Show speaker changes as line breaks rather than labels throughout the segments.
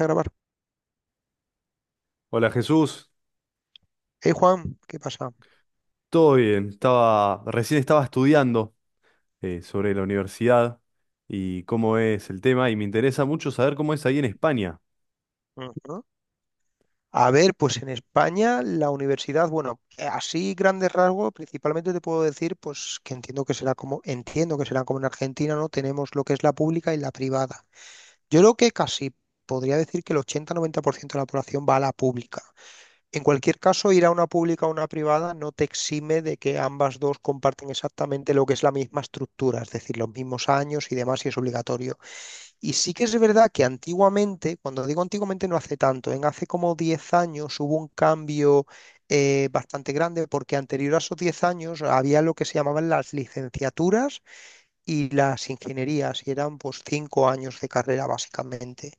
A grabar.
Hola Jesús,
Hey Juan, ¿qué pasa?
todo bien. Recién estaba estudiando sobre la universidad y cómo es el tema y me interesa mucho saber cómo es ahí en España.
Ujú. A ver, pues en España la universidad, bueno, así grandes rasgos, principalmente te puedo decir, pues que entiendo que será como, entiendo que será como en Argentina, ¿no? Tenemos lo que es la pública y la privada. Yo creo que casi podría decir que el 80 90% de la población va a la pública. En cualquier caso, ir a una pública o una privada no te exime de que ambas dos comparten exactamente lo que es la misma estructura, es decir, los mismos años y demás, y es obligatorio. Y sí que es verdad que antiguamente, cuando digo antiguamente no hace tanto, en hace como 10 años hubo un cambio bastante grande porque anterior a esos 10 años había lo que se llamaban las licenciaturas y las ingenierías y eran pues 5 años de carrera básicamente.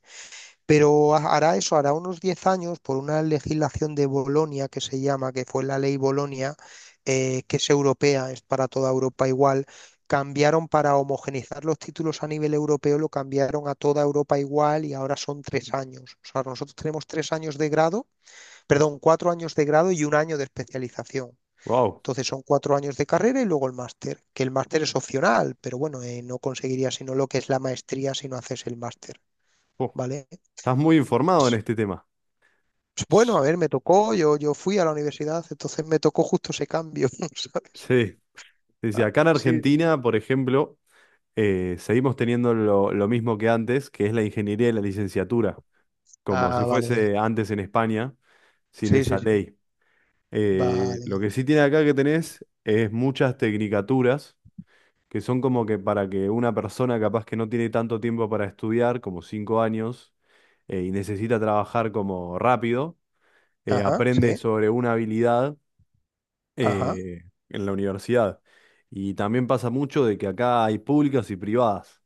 Pero hará eso, hará unos 10 años, por una legislación de Bolonia que se llama, que fue la ley Bolonia, que es europea, es para toda Europa igual, cambiaron para homogeneizar los títulos a nivel europeo, lo cambiaron a toda Europa igual y ahora son 3 años. O sea, nosotros tenemos 3 años de grado, perdón, 4 años de grado y 1 año de especialización.
Wow,
Entonces son 4 años de carrera y luego el máster, que el máster es opcional, pero bueno, no conseguirías sino lo que es la maestría si no haces el máster, ¿vale?
estás muy informado en este tema.
Pues bueno, a
Sh-
ver, me tocó, yo fui a la universidad, entonces me tocó justo ese cambio, ¿sabes?
Sí, sí, sí.
Ah,
Acá en
sí. Sí.
Argentina, por ejemplo, seguimos teniendo lo mismo que antes, que es la ingeniería y la licenciatura, como si
Ah, vale, vale.
fuese antes en España, sin
Sí, sí,
esa
sí.
ley.
Vale,
Lo que
vale.
sí tiene acá que tenés es muchas tecnicaturas que son como que para que una persona capaz que no tiene tanto tiempo para estudiar, como cinco años, y necesita trabajar como rápido,
Ajá,
aprende
sí.
sobre una habilidad
Ajá,
en la universidad. Y también pasa mucho de que acá hay públicas y privadas.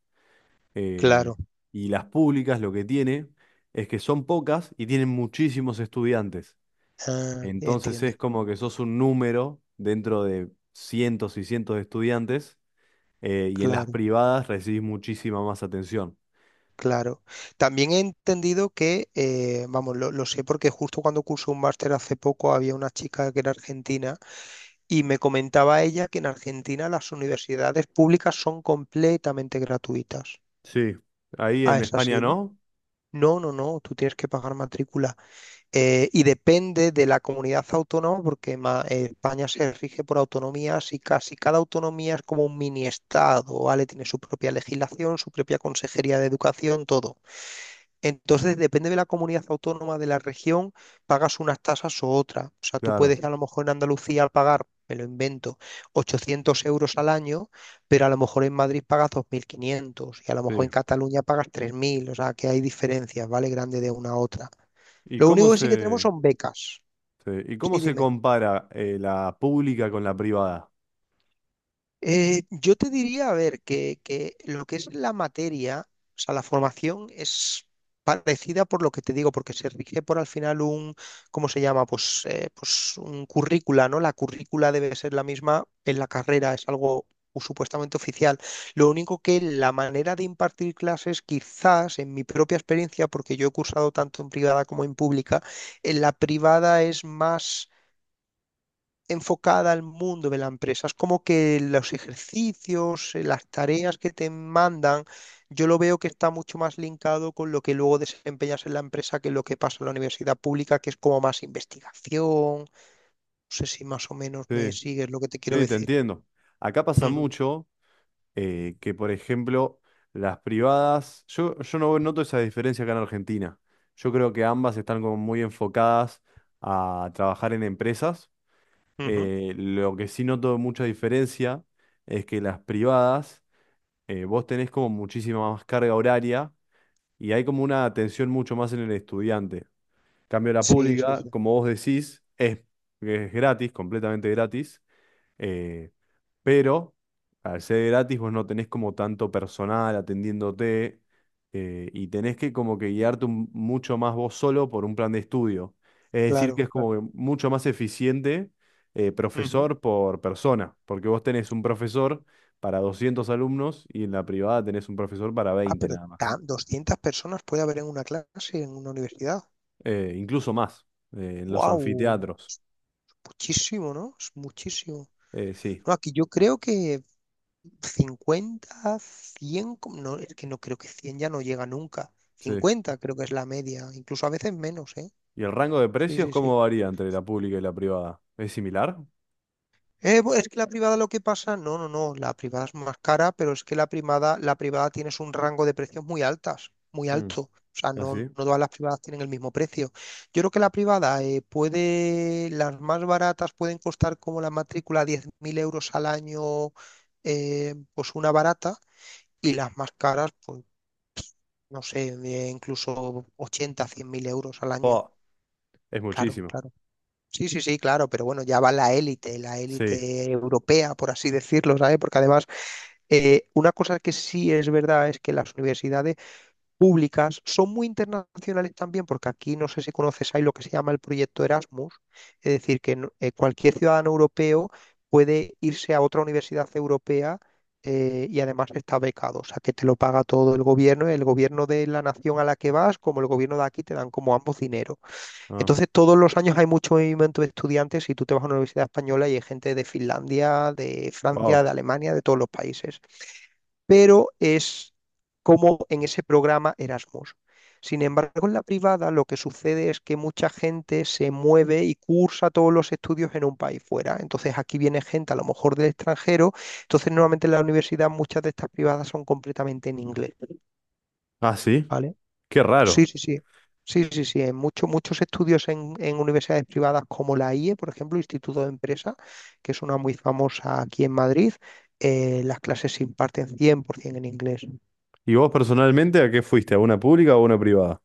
eh,
claro.
y las públicas lo que tiene es que son pocas y tienen muchísimos estudiantes.
Ah,
Entonces
entiendo.
es como que sos un número dentro de cientos y cientos de estudiantes, y en las
Claro,
privadas recibís muchísima más atención.
claro. También he entendido que, vamos, lo sé porque justo cuando cursé un máster hace poco había una chica que era argentina y me comentaba ella que en Argentina las universidades públicas son completamente gratuitas.
Sí, ahí
Ah,
en
es
España
así, ¿no?
no,
No, no, no, tú tienes que pagar matrícula. Y depende de la comunidad autónoma, porque España se rige por autonomías y casi cada autonomía es como un mini estado, ¿vale? Tiene su propia legislación, su propia consejería de educación, todo. Entonces, depende de la comunidad autónoma de la región, pagas unas tasas o otras. O sea, tú
claro,
puedes a lo mejor en Andalucía pagar, me lo invento, 800 euros al año, pero a lo mejor en Madrid pagas 2500 y a lo mejor
sí.
en Cataluña pagas 3000. O sea, que hay diferencias, ¿vale? Grande de una a otra.
¿Y
Lo
cómo
único que sí que tenemos
se,
son becas.
sí, ¿Y cómo
Sí,
se
dime.
compara la pública con la privada?
Yo te diría, a ver, que lo que es la materia, o sea, la formación es parecida por lo que te digo, porque se rige por al final un, ¿cómo se llama? Pues, pues un currícula, ¿no? La currícula debe ser la misma en la carrera, es algo supuestamente oficial. Lo único que la manera de impartir clases, quizás en mi propia experiencia, porque yo he cursado tanto en privada como en pública, en la privada es más enfocada al mundo de la empresa. Es como que los ejercicios, las tareas que te mandan, yo lo veo que está mucho más linkado con lo que luego desempeñas en la empresa que lo que pasa en la universidad pública, que es como más investigación. No sé si más o menos me
Sí,
sigues lo que te quiero
sí, te
decir.
entiendo. Acá pasa
Ujú,
mucho que, por ejemplo, las privadas, yo no noto esa diferencia acá en Argentina. Yo creo que ambas están como muy enfocadas a trabajar en empresas.
ujú.
Lo que sí noto mucha diferencia es que las privadas vos tenés como muchísima más carga horaria y hay como una atención mucho más en el estudiante. Cambio la
Sí, sí,
pública,
sí.
como vos decís, es gratis, completamente gratis, eh, pero al ser gratis vos no tenés como tanto personal atendiéndote, y tenés que como que guiarte mucho más vos solo por un plan de estudio. Es decir, que
Claro,
es
claro.
como que mucho más eficiente
Ujú.
profesor por persona, porque vos tenés un profesor para 200 alumnos y en la privada tenés un profesor para
Ah,
20
pero
nada más.
200 personas puede haber en una clase, en una universidad.
Incluso más, en los
¡Wow!
anfiteatros.
Muchísimo, ¿no? Es muchísimo.
Sí,
No, aquí yo creo que 50 100 no, es que no creo que 100 ya no llega nunca.
sí.
50 creo que es la media, incluso a veces menos, ¿eh?
¿Y el rango de
Sí,
precios
sí, sí.
cómo varía entre la pública y la privada? ¿Es similar?
Es que la privada lo que pasa, no, no, no, la privada es más cara, pero es que la privada tienes un rango de precios muy altas, muy alto. O sea,
¿Ah,
no, no
sí?
todas las privadas tienen el mismo precio. Yo creo que la privada puede, las más baratas pueden costar como la matrícula 10.000 euros al año, pues una barata, y las más caras, pues no sé, incluso 80 100.000 euros al año.
Oh, es
Claro,
muchísimo.
claro. Sí, sí, sí, claro, pero bueno, ya va la
Sí.
élite europea, por así decirlo, ¿sabes? Porque además, una cosa que sí es verdad es que las universidades públicas, son muy internacionales también, porque aquí no sé si conoces, hay lo que se llama el proyecto Erasmus, es decir, que no- cualquier ciudadano europeo puede irse a otra universidad europea y además está becado, o sea, que te lo paga todo el gobierno de la nación a la que vas, como el gobierno de aquí, te dan como ambos dinero.
Ah,
Entonces, todos los años hay mucho movimiento de estudiantes y tú te vas a una universidad española y hay gente de Finlandia, de Francia,
wow.
de Alemania, de todos los países, pero es como en ese programa Erasmus. Sin embargo, en la privada lo que sucede es que mucha gente se mueve y cursa todos los estudios en un país fuera. Entonces aquí viene gente a lo mejor del extranjero. Entonces normalmente en la universidad muchas de estas privadas son completamente en inglés,
Ah, sí.
¿vale?
Qué
Sí,
raro.
sí, sí. Sí, sí, sí. En muchos, muchos estudios en universidades privadas como la IE, por ejemplo, Instituto de Empresa, que es una muy famosa aquí en Madrid, las clases se imparten 100% en inglés.
¿Y vos personalmente a qué fuiste? ¿A una pública o a una privada?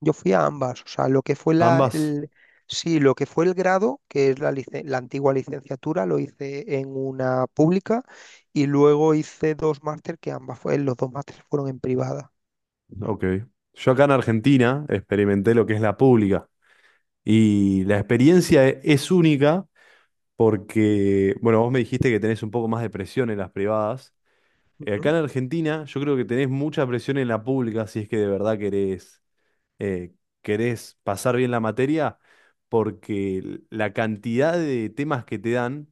Yo fui a ambas, o sea, lo que fue
Ambas.
sí, lo que fue el grado, que es la antigua licenciatura, lo hice en una pública y luego hice 2 máster que ambas fue, los 2 másteres fueron en privada. Ujú,
Ok. Yo acá en Argentina experimenté lo que es la pública. Y la experiencia es única porque, bueno, vos me dijiste que tenés un poco más de presión en las privadas. Acá
ujú,
en Argentina yo creo que tenés mucha presión en la pública si es que de verdad eh, querés pasar bien la materia, porque la cantidad de temas que te dan,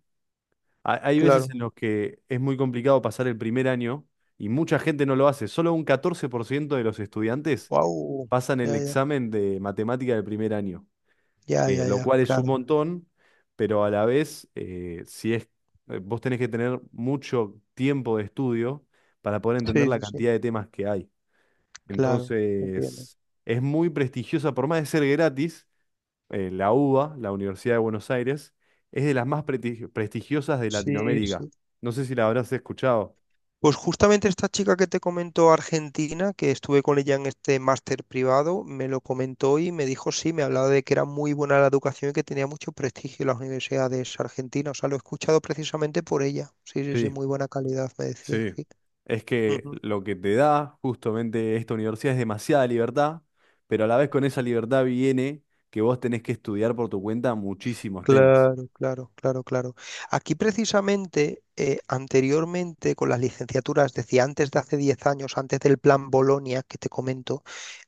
hay veces
claro,
en los que es muy complicado pasar el primer año y mucha gente no lo hace. Solo un 14% de los estudiantes
wow,
pasan
ya,
el
ya,
examen de matemática del primer año,
ya, ya,
lo
ya,
cual es un
claro,
montón, pero a la vez, si es, vos tenés que tener mucho tiempo de estudio para poder entender
sí,
la
sí, sí,
cantidad de temas que hay.
claro, entiendo.
Entonces, es muy prestigiosa, por más de ser gratis, la UBA, la Universidad de Buenos Aires, es de las más prestigiosas de
Sí,
Latinoamérica.
sí.
No sé si la habrás escuchado.
Pues justamente esta chica que te comentó Argentina, que estuve con ella en este máster privado, me lo comentó y me dijo, sí, me hablaba de que era muy buena la educación y que tenía mucho prestigio en las universidades argentinas. O sea, lo he escuchado precisamente por ella. Sí, sí, sí,
Sí,
muy buena calidad, me decía,
sí.
sí.
Es que
Ujú.
lo que te da justamente esta universidad es demasiada libertad, pero a la vez con esa libertad viene que vos tenés que estudiar por tu cuenta muchísimos temas.
Claro, claro, claro, claro. Aquí precisamente, anteriormente con las licenciaturas, decía antes de hace 10 años, antes del plan Bolonia que te comento,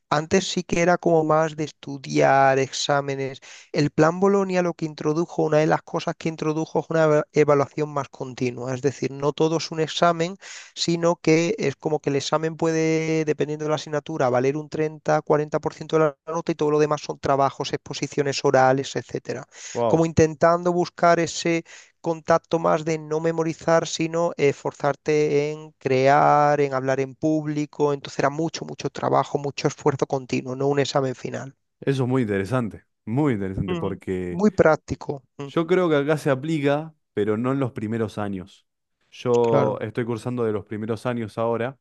antes sí que era como más de estudiar exámenes. El plan Bolonia lo que introdujo, una de las cosas que introdujo es una evaluación más continua. Es decir, no todo es un examen, sino que es como que el examen puede, dependiendo de la asignatura, valer un 30, 40% de la nota y todo lo demás son trabajos, exposiciones orales, etcétera. Como
Wow,
intentando buscar ese contacto más de no memorizar, sino esforzarte en crear, en hablar en público. Entonces era mucho, mucho trabajo, mucho esfuerzo continuo, no un examen final.
eso es muy interesante
Mm.
porque
Muy práctico. Mm.
yo creo que acá se aplica, pero no en los primeros años. Yo
Claro,
estoy cursando de los primeros años ahora,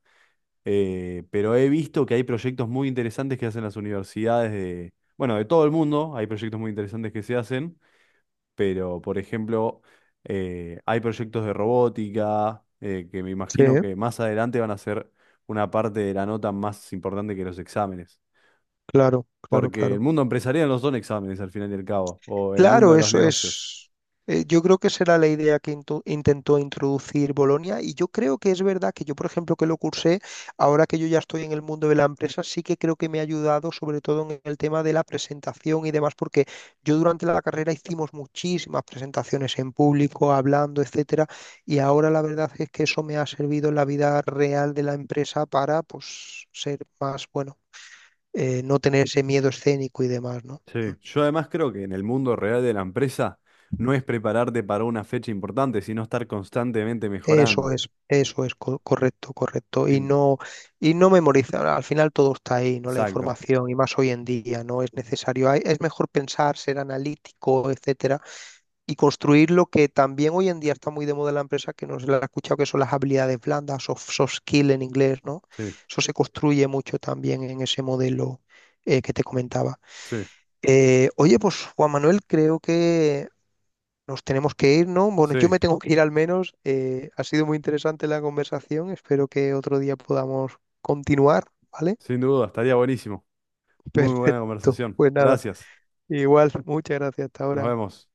pero he visto que hay proyectos muy interesantes que hacen las universidades de, bueno, de todo el mundo. Hay proyectos muy interesantes que se hacen, pero por ejemplo, hay proyectos de robótica, que me
sí,
imagino que más adelante van a ser una parte de la nota más importante que los exámenes.
claro, claro,
Porque el
claro.
mundo empresarial no son exámenes al final y al cabo, o el mundo
Claro,
de los
eso
negocios.
es, yo creo que será la idea que intentó introducir Bolonia y yo creo que es verdad que yo, por ejemplo, que lo cursé, ahora que yo ya estoy en el mundo de la empresa, sí que creo que me ha ayudado sobre todo en el tema de la presentación y demás, porque yo durante la carrera hicimos muchísimas presentaciones en público, hablando, etcétera, y ahora la verdad es que eso me ha servido en la vida real de la empresa para, pues, ser más, bueno, no tener ese miedo escénico y demás, ¿no?
Sí,
Mm.
yo además creo que en el mundo real de la empresa no es prepararte para una fecha importante, sino estar constantemente mejorando.
Eso es correcto, correcto.
En-
Y no memorizar, al final todo está ahí, ¿no? La
Exacto.
información, y más hoy en día, no es necesario. Es mejor pensar, ser analítico, etcétera, y construir lo que también hoy en día está muy de moda en la empresa, que no se la ha escuchado, que son las habilidades blandas, soft, soft skill en inglés, ¿no?
Sí,
Eso se construye mucho también en ese modelo que te comentaba.
sí,
Oye, pues Juan Manuel, creo que nos tenemos que ir, ¿no? Bueno, yo
sí,
me tengo que ir al menos. Ha sido muy interesante la conversación. Espero que otro día podamos continuar, ¿vale?
sin duda, estaría buenísimo. Muy buena
Perfecto.
conversación.
Pues nada,
Gracias.
igual, muchas gracias. Hasta
Nos
ahora.
vemos.